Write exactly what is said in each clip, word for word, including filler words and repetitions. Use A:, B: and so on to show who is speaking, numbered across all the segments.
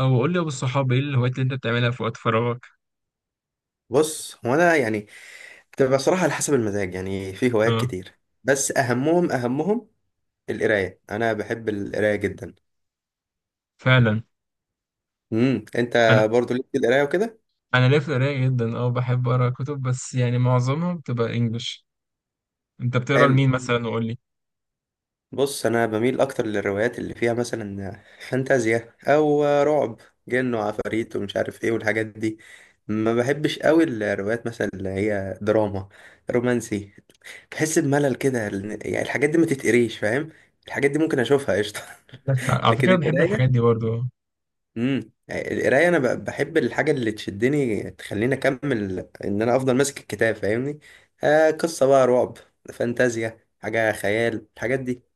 A: او قول لي يا ابو الصحاب، ايه الهوايات اللي انت بتعملها في وقت فراغك؟
B: بص هو انا يعني بتبقى صراحه على حسب المزاج. يعني في هوايات
A: اه،
B: كتير، بس اهمهم اهمهم القرايه. انا بحب القرايه جدا.
A: فعلا.
B: امم انت
A: انا
B: برضو ليك في القرايه وكده؟
A: انا ليا في القرايه جدا، اه بحب اقرا كتب، بس يعني معظمها بتبقى انجلش. انت بتقرا
B: حلو.
A: لمين مثلا؟ وقول لي.
B: بص انا بميل اكتر للروايات اللي فيها مثلا فانتازيا او رعب، جن وعفاريت ومش عارف ايه والحاجات دي. ما بحبش قوي الروايات مثلا اللي هي دراما، رومانسي. بحس بملل كده لأن- يعني الحاجات دي ما تتقريش، فاهم؟ الحاجات دي ممكن اشوفها قشطه،
A: عندك حق على فكره،
B: لكن
A: أنا بحب الحاجات
B: القرايه.
A: دي برضو، آه.
B: امم القرايه انا ب- بحب الحاجه اللي تشدني تخليني اكمل، ان انا افضل ماسك الكتاب، فاهمني؟ آه قصه بقى رعب، فانتازيا، حاجه خيال، الحاجات دي.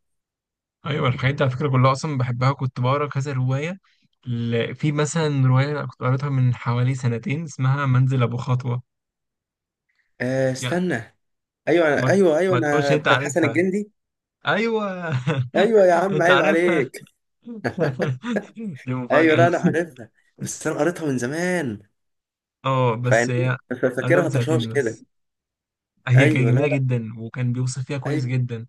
A: ايوه، الحاجات دي على فكره كلها اصلا بحبها، كنت بقرا كذا روايه. ل- في مثلا روايه كنت قريتها من حوالي سنتين، اسمها منزل ابو خطوه.
B: آه،
A: يا.
B: استنى. ايوه، أنا،
A: ما
B: ايوه ايوه،
A: ما تقولش
B: انا
A: انت
B: بتاعت حسن
A: عارفها.
B: الجندي.
A: ايوه
B: ايوه يا عم،
A: انت
B: عيب
A: عارفها.
B: عليك.
A: دي
B: ايوه، لا
A: مفاجاه.
B: انا عارفها، بس انا قريتها من زمان.
A: اه، بس
B: فيعني إيه،
A: هي قريتها من
B: ففاكرها طشاش
A: سنتين
B: كده.
A: بس. هي كانت
B: ايوه، لا
A: جميلة
B: لا.
A: جدا، وكان بيوصف فيها كويس
B: ايوه
A: جدا.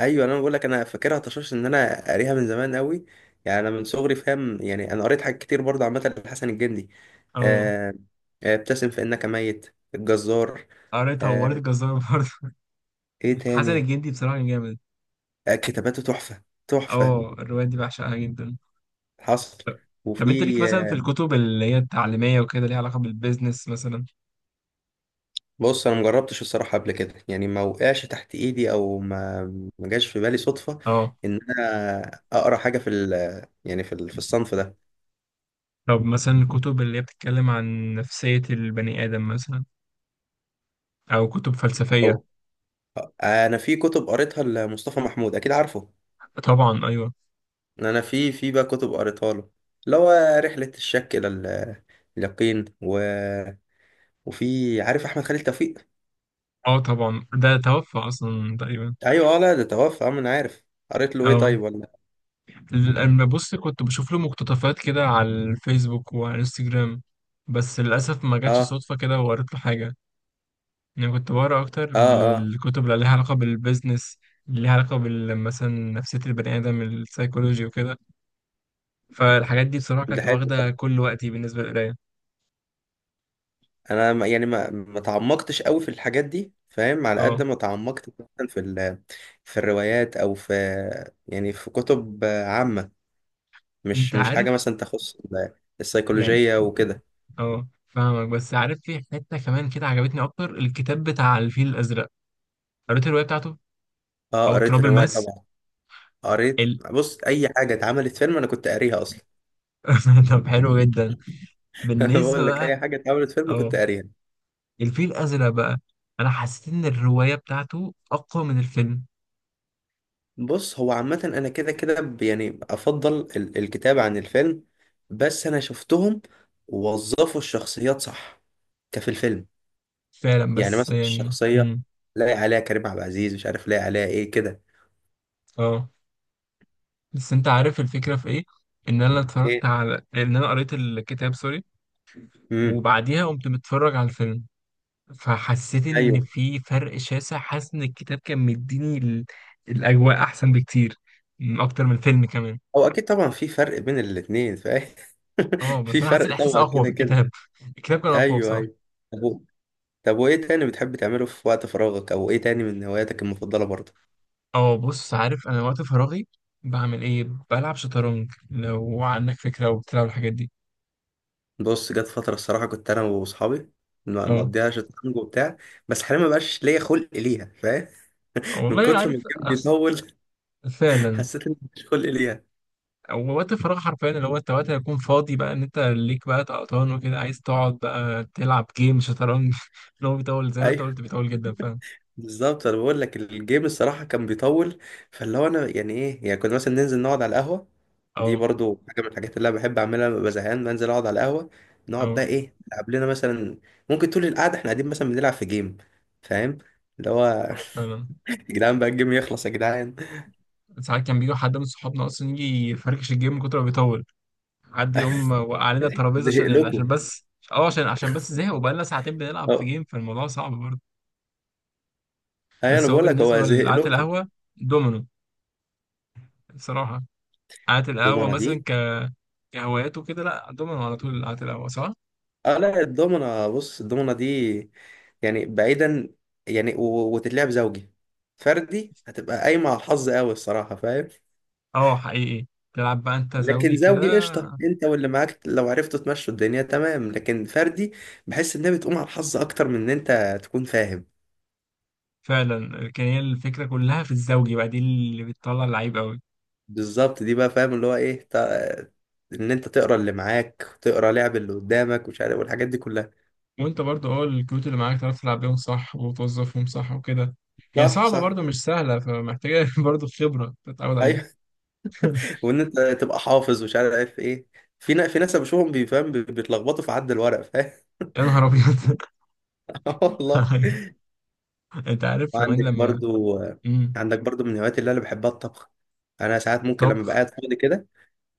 B: ايوه، انا بقول لك انا فاكرها طشاش، ان انا قاريها من زمان قوي. يعني انا من صغري، فاهم؟ يعني انا قريت حاجات كتير برضه عامه لحسن الجندي.
A: اه،
B: آه، آه، ابتسم فانك ميت الجزار.
A: قريتها وقريت
B: آه،
A: الجزارة برضه.
B: ايه
A: حسن
B: تاني؟
A: الجندي بصراحة كان جامد.
B: آه، كتاباته تحفه تحفه.
A: اه، الروايات دي بعشقها جدا.
B: حصل.
A: طب طب انت ليك
B: وفي
A: مثلا في
B: آه،
A: الكتب اللي هي التعليمية وكده، ليها علاقة بالبيزنس مثلا؟
B: بص انا مجربتش الصراحه قبل كده، يعني ما وقعش تحت ايدي، او ما ما جاش في بالي صدفه
A: اه.
B: ان انا اقرا حاجه في ال، يعني في ال- في الصنف ده.
A: طب مثلا الكتب اللي هي بتتكلم عن نفسية البني آدم مثلا، أو كتب فلسفية؟
B: او آه، انا في كتب قريتها لمصطفى محمود، اكيد عارفه.
A: طبعا، أيوه.
B: انا في في بقى كتب قريتها له، اللي هو رحله الشك الى ال- اليقين، و... وفي عارف احمد خالد توفيق.
A: اه، طبعا ده توفى أصلا تقريبا.
B: ايوه، اه لا ده توفى، اه ما انا عارف. قريت له ايه
A: اه،
B: طيب ولا؟
A: لما بص كنت بشوف له مقتطفات كده على الفيسبوك وعلى الانستجرام. بس للأسف ما جاتش
B: اه
A: صدفة كده وقريت له حاجة. يعني كنت بقرا أكتر
B: اه اه.
A: بالكتب اللي ليها علاقة بالبيزنس، اللي ليها علاقة بال- مثلا نفسية البني آدم السايكولوجي وكده. فالحاجات دي بصراحة
B: ده
A: كانت
B: حلو
A: واخدة
B: ده.
A: كل وقتي بالنسبة للقراية.
B: انا ما- يعني ما ما تعمقتش قوي في الحاجات دي، فاهم؟ على قد
A: اه،
B: ما تعمقت مثلا في ال، في الروايات او في، يعني في كتب عامه،
A: انت
B: مش مش حاجه
A: عارف
B: مثلا تخص ال-
A: يعني.
B: السيكولوجيه وكده.
A: اه، فاهمك، بس عارف في حتة كمان كده عجبتني أكتر، الكتاب بتاع الفيل الأزرق، قريت الرواية بتاعته.
B: اه،
A: أو
B: قريت
A: تراب
B: الروايه
A: الماس.
B: طبعا. قريت.
A: ال...
B: بص اي حاجه اتعملت فيلم انا كنت قاريها اصلا.
A: طب حلو جدا.
B: انا
A: بالنسبة
B: بقول لك
A: بقى،
B: اي حاجه اتعملت فيلم كنت
A: اه
B: قاريها.
A: الفيل الأزرق بقى، أنا حسيت إن الرواية بتاعته أقوى من الفيلم.
B: بص هو عامه انا كده كده، ب- يعني افضل ال- الكتاب عن الفيلم، بس انا شفتهم ووظفوا الشخصيات صح كفي الفيلم.
A: فعلا،
B: يعني
A: بس
B: مثلا
A: يعني.
B: الشخصيه،
A: امم
B: لاقي عليها كريم عبد العزيز، مش عارف لاقي عليها ايه كده.
A: اه بس أنت عارف الفكرة في إيه؟ إن أنا اتفرجت،
B: ايه؟
A: على إن أنا قريت الكتاب، سوري،
B: امم
A: وبعديها قمت متفرج على الفيلم. فحسيت إن
B: ايوه،
A: في فرق شاسع، حاسس إن الكتاب كان مديني ال... الأجواء أحسن بكتير، م، أكتر من الفيلم كمان.
B: هو اكيد طبعا في فرق بين الاثنين، فاهم؟
A: اه، بس
B: في
A: أنا حسيت
B: فرق
A: الإحساس
B: طبعا
A: أقوى في
B: كده كده.
A: الكتاب. الكتاب كان أقوى
B: ايوه
A: بصراحة.
B: ايوه. طب وايه تاني بتحب تعمله في وقت فراغك، او ايه تاني من هواياتك المفضله برضه؟
A: اه، بص، عارف انا وقت فراغي بعمل ايه؟ بلعب شطرنج، لو عندك فكره او بتلعب الحاجات دي.
B: بص جت فتره الصراحه كنت انا واصحابي ما-
A: اه،
B: مقضيها شطرنج وبتاع، بس حاليا ما بقاش ليا خلق ليها، فاهم؟ من
A: والله
B: كتر ما
A: عارف.
B: الجيم
A: أص-
B: بيطول.
A: فعلا.
B: حسيت ان مش خلق ليها.
A: هو وقت الفراغ حرفيا اللي هو انت وقت هيكون فاضي بقى، ان انت ليك بقى طقطان وكده، عايز تقعد بقى تلعب جيم شطرنج اللي هو بيطول، زي ما انت
B: ايوه
A: قلت بيطول جدا فعلا.
B: بالظبط، انا بقول لك الجيم الصراحه كان بيطول. فاللي هو انا، يعني ايه، يعني كنا مثلا ننزل نقعد على القهوه. دي
A: اه،
B: برضو حاجه من الحاجات اللي انا بحب اعملها، لما ببقى زهقان بنزل اقعد على القهوه. نقعد
A: اه،
B: بقى ايه، نلعب لنا مثلا. ممكن طول القعده احنا قاعدين مثلا بنلعب في جيم، فاهم؟ اللي هو
A: آه، فعلا.
B: يا جدعان بقى الجيم يخلص يا جدعان.
A: ساعات كان بيجي حد من صحابنا اصلا يجي يفركش الجيم من كتر ما بيطول. حد يقوم وقع علينا الترابيزه
B: زهق
A: عشان يعني عشان
B: لكم.
A: بس. اه، عشان عشان بس زهق وبقالنا ساعتين بنلعب في
B: اه،
A: جيم، فالموضوع صعب.
B: ايوه انا
A: بس هو
B: بقول لك هو
A: بالنسبة
B: زهق
A: لقعدة
B: لكم.
A: القهوة، دومينو بصراحة. قعدة القهوة
B: الضمنه
A: مثلا
B: دي.
A: ك- كهوايات وكده، لا، دومينو على طول قعدة القهوة، صح؟
B: اه لا، الضمنة، بص الضمنة دي يعني بعيدا، يعني و- وتتلعب زوجي، فردي هتبقى قايمة على الحظ قوي الصراحة، فاهم؟
A: اه، حقيقي. تلعب بقى انت
B: لكن
A: زوجي كده.
B: زوجي قشطة، انت واللي معاك لو عرفتوا تمشوا الدنيا تمام. لكن فردي، بحس انها بتقوم على الحظ اكتر من ان انت تكون فاهم.
A: فعلا كان، هي الفكرة كلها في الزوجي بقى دي اللي بتطلع اللعيب قوي.
B: بالظبط، دي بقى فاهم، اللي هو ايه تا- ان انت تقرا اللي معاك، تقرا لعب اللي قدامك، مش عارف والحاجات دي كلها.
A: وانت برضو اه الكروت اللي معاك تعرف تلعب بيهم صح وتوظفهم صح وكده. هي
B: صح
A: صعبة
B: صح.
A: برضو، مش سهلة، فمحتاجة برضو خبرة تتعود عليها.
B: ايوه، وان انت تبقى حافظ ومش عارف ايه. في نا- في ناس بشوفهم بيفهم بي- بيتلخبطوا في عد الورق، فاهم؟
A: يا نهار أبيض.
B: آه والله.
A: أيوة. انت عارف كمان
B: وعندك
A: لما.
B: برضو
A: مم.
B: عندك برضو من الهوايات اللي انا بحبها الطبخ. انا ساعات ممكن لما
A: طبخ.
B: بقعد فاضي كده،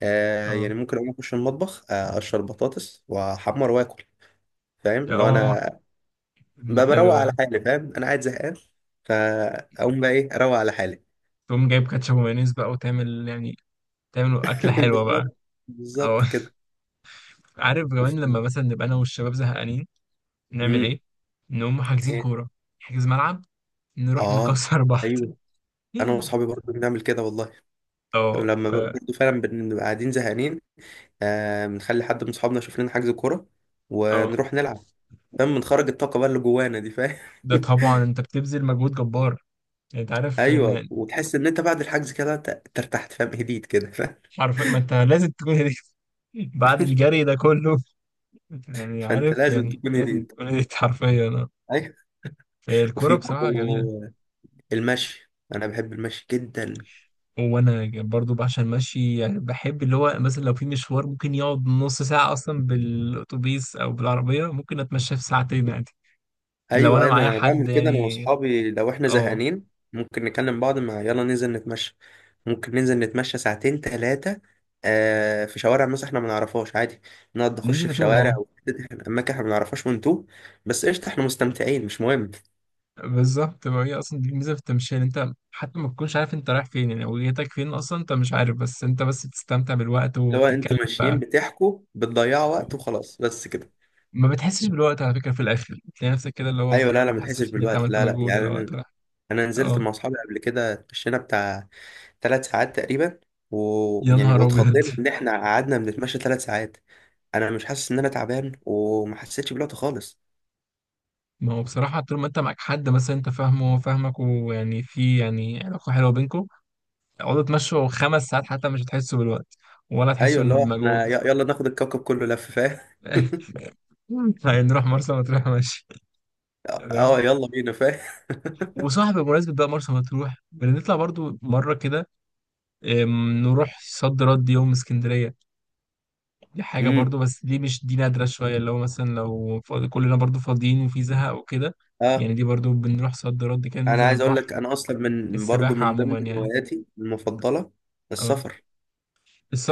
B: آه
A: اه،
B: يعني ممكن اقوم اخش المطبخ، آه، اقشر بطاطس واحمر واكل، فاهم؟ لو
A: اه،
B: انا ب-
A: ده حلو
B: بروق على
A: ده.
B: حالي، فاهم؟ انا قاعد زهقان فاقوم بقى ايه، اروق على حالي.
A: تقوم جايب كاتشب ومايونيز بقى وتعمل، يعني تعمل أكلة حلوة بقى.
B: بالظبط.
A: أو
B: بالظبط كده.
A: عارف كمان لما
B: وفي-
A: مثلا نبقى أنا والشباب زهقانين، نعمل
B: امم
A: إيه؟ نقوم حاجزين
B: إيه؟
A: كورة، نحجز ملعب، نروح
B: اه.
A: نكسر بعض.
B: ايوه انا واصحابي برضو بنعمل كده والله،
A: اه،
B: لما
A: ف
B: ب- برضه فعلا بن- بنبقى قاعدين زهقانين، آه بنخلي حد من صحابنا يشوف لنا حجز كورة
A: اه،
B: ونروح نلعب، فاهم؟ بنخرج الطاقة بقى اللي جوانا دي، فاهم؟
A: ده طبعا انت بتبذل مجهود جبار. يعني انت عارف
B: ايوه،
A: ان
B: وتحس ان انت بعد الحجز كده ت- ترتحت، فاهم؟ هديت كده، فاهم؟
A: حرفيا، ما انت لازم تكون هديت. بعد الجري ده كله، يعني
B: فانت
A: عارف
B: لازم
A: يعني
B: تكون
A: لازم
B: هديت.
A: تكون هديت حرفيا، اه.
B: ايوه.
A: فالكورة
B: وفي
A: بصراحة جميلة.
B: برضه المشي، انا بحب المشي جدا.
A: وانا برضو بعشق المشي، يعني بحب اللي هو مثلا لو في مشوار ممكن يقعد نص ساعة اصلا بالاتوبيس او بالعربية، ممكن اتمشى في ساعتين عادي. لو
B: ايوه
A: انا
B: ايوه،
A: معايا
B: انا بعمل
A: حد
B: كده انا
A: يعني.
B: واصحابي لو احنا
A: اه،
B: زهقانين. ممكن نكلم بعض، مع يلا ننزل نتمشى. ممكن ننزل نتمشى ساعتين، ثلاثه. آه في شوارع مثلا احنا ما نعرفهاش، عادي نقعد نخش
A: ننزل
B: في
A: نتوه،
B: شوارع،
A: اه.
B: او اماكن احنا ما نعرفهاش ونتوه. بس قشطه احنا مستمتعين، مش مهم.
A: بالظبط، ما هي اصلا دي الميزة في التمشية، إن انت حتى ما تكونش عارف انت رايح فين، يعني وجهتك فين اصلا انت مش عارف، بس انت بس بتستمتع بالوقت
B: اللي هو انتوا
A: وبتتكلم
B: ماشيين
A: بقى.
B: بتحكوا بتضيعوا وقت وخلاص، بس كده.
A: ما بتحسش بالوقت على فكرة، في الاخر تلاقي نفسك كده اللي هو ما
B: ايوه، لا لا، ما تحسش
A: حسيتش ان انت
B: بالوقت،
A: عملت
B: لا لا
A: مجهود ولا وقت
B: يعني.
A: ولا حاجة.
B: انا نزلت
A: اه،
B: مع اصحابي قبل كده، اتمشينا بتاع ثلاث ساعات تقريبا.
A: يا
B: ويعني
A: نهار ابيض.
B: واتخضينا ان احنا قعدنا بنتمشى ثلاث ساعات. انا مش حاسس ان انا تعبان، وما حسيتش بالوقت خالص.
A: ما هو بصراحة طول ما انت معاك حد مثلا انت فاهمه وهو فاهمك، ويعني في يعني علاقة حلوة بينكم، اقعدوا تمشوا خمس ساعات حتى مش هتحسوا بالوقت، ولا
B: ايوه،
A: هتحسوا
B: اللي هو احنا
A: بمجهود.
B: ي- يلا ناخد الكوكب كله لف، فاهم؟
A: هنروح مرسى مطروح، ماشي؟
B: اه
A: تمام.
B: يلا بينا، فاهم؟
A: وصاحب بمناسبة بقى مرسى مطروح، بنطلع برضو مرة كده، ام، نروح صد رد يوم اسكندرية. دي حاجة
B: امم
A: برضو، بس دي مش، دي نادرة شوية، اللي هو مثلا لو فاضي كلنا برضو فاضيين وفي زهق وكده.
B: اه.
A: يعني دي برضو بنروح صد رد كده،
B: انا
A: ننزل
B: عايز اقول لك،
A: البحر.
B: انا اصلا من برضو
A: السباحة
B: من
A: عموما
B: ضمن
A: يعني.
B: هواياتي المفضله
A: اه،
B: السفر.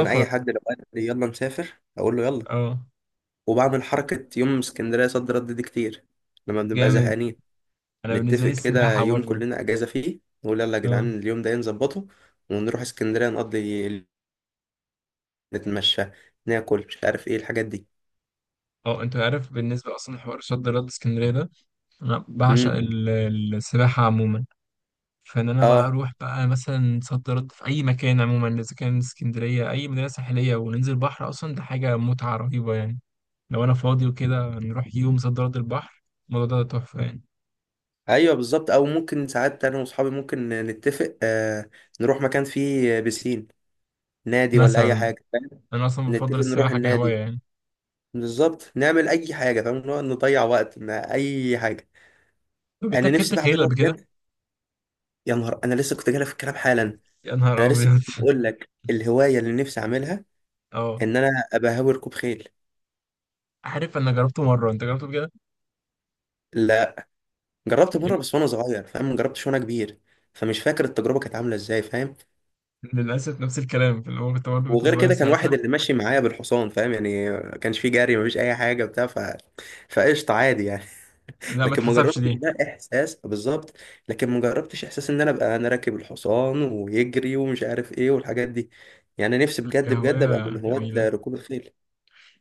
B: انا اي حد لو قال لي يلا نسافر اقول له يلا،
A: اه،
B: وبعمل حركه يوم اسكندريه صد رد دي كتير لما بنبقى
A: جامد.
B: زهقانين.
A: انا بالنسبه
B: نتفق
A: لي
B: كده
A: السباحه
B: يوم
A: برضو.
B: كلنا اجازه فيه، نقول يلا يا
A: اه،
B: جدعان اليوم ده نظبطه، ونروح اسكندريه نقضي ال- نتمشى، ناكل، مش عارف ايه الحاجات دي.
A: اه، انت عارف بالنسبه اصلا، حوار شد رد اسكندريه ده، انا بعشق
B: امم
A: ال- السباحه عموما. فان انا بقى
B: اه.
A: اروح بقى مثلا صد رد في اي مكان عموما، اذا كان اسكندريه اي مدينه ساحليه، وننزل بحر اصلا، ده حاجه متعه رهيبه يعني. لو انا فاضي وكده نروح يوم صد رد البحر، الموضوع ده تحفه يعني.
B: ايوه بالظبط، او ممكن ساعات انا واصحابي ممكن نتفق، آه نروح مكان فيه بسين، نادي ولا اي
A: مثلا
B: حاجه، فاهم؟
A: انا اصلا بفضل
B: نتفق نروح
A: السباحه كهوايه
B: النادي.
A: يعني.
B: بالظبط، نعمل اي حاجه، فاهم؟ نقعد نضيع وقت ما، اي حاجه.
A: طب انت
B: انا
A: ركبت
B: نفسي بقى
A: خيل
B: اعمله
A: قبل كده؟
B: بجد. يا نهار، انا لسه كنت جاي في الكلام حالا.
A: يا
B: انا
A: نهار
B: لسه
A: ابيض
B: كنت بقول لك الهوايه اللي نفسي اعملها
A: اه،
B: ان انا ابقى هاوي ركوب خيل.
A: عارف انا جربته مره، انت جربته بجد؟
B: لا، جربت مره بس وانا صغير، فاهم؟ ما جربتش وانا كبير، فمش فاكر التجربه كانت عامله ازاي، فاهم؟
A: للأسف نفس الكلام، في الأول كنت برضه كنت
B: وغير
A: صغير
B: كده كان واحد
A: ساعتها.
B: اللي ماشي معايا بالحصان، فاهم؟ يعني ما كانش فيه جري، ما فيش اي حاجه بتاع ف فقشطه، عادي يعني.
A: لا، ما
B: لكن ما
A: اتحسبش
B: جربتش
A: دي.
B: ده احساس بالظبط. لكن ما جربتش احساس ان انا ابقى انا راكب الحصان ويجري ومش عارف ايه والحاجات دي. يعني نفسي بجد بجد ابقى
A: كهواية
B: من هواة
A: جميلة،
B: ركوب الخيل.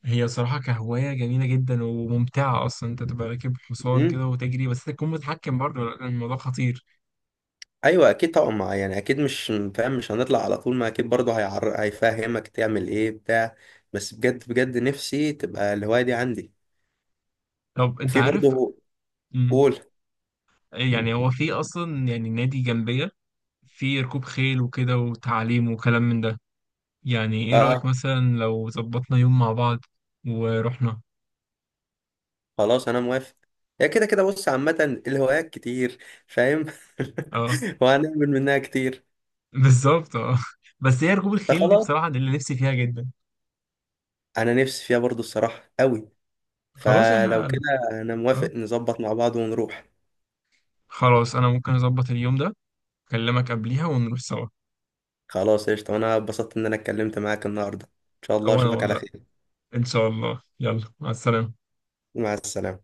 A: هي صراحة كهواية جميلة جدا وممتعة، أصلا أنت تبقى راكب حصان كده وتجري، بس تكون متحكم برضه لأن الموضوع خطير.
B: ايوه اكيد طبعا، ما يعني اكيد مش فاهم، مش هنطلع على طول. ما اكيد برضه هيعر... هيفهمك تعمل ايه بتاع. بس بجد بجد نفسي تبقى الهوايه دي عندي.
A: طب أنت
B: وفي
A: عارف.
B: برضه.
A: مم.
B: قول.
A: يعني هو في أصلا يعني نادي جنبية، في ركوب خيل وكده وتعليم وكلام من ده، يعني إيه رأيك
B: اه،
A: مثلا لو ظبطنا يوم مع بعض ورحنا؟
B: خلاص انا موافق. هي كده كده بص، عامه الهوايات كتير، فاهم؟
A: أه،
B: وهنعمل منها كتير.
A: بالظبط، أه. بس هي ركوب الخيل دي
B: فخلاص،
A: بصراحة، دي اللي نفسي فيها جدا.
B: انا نفسي فيها برضه الصراحه قوي،
A: خلاص احنا
B: فلو كده انا
A: اه
B: موافق، نظبط مع بعض ونروح.
A: خلاص انا ممكن اظبط اليوم ده، اكلمك قبليها ونروح سوا.
B: خلاص قشطه، انا اتبسطت ان انا اتكلمت معاك النهارده، ان شاء الله
A: او انا
B: اشوفك
A: ولا
B: على
A: إنت؟
B: خير.
A: ان شاء الله، يلا مع السلامة.
B: مع السلامه.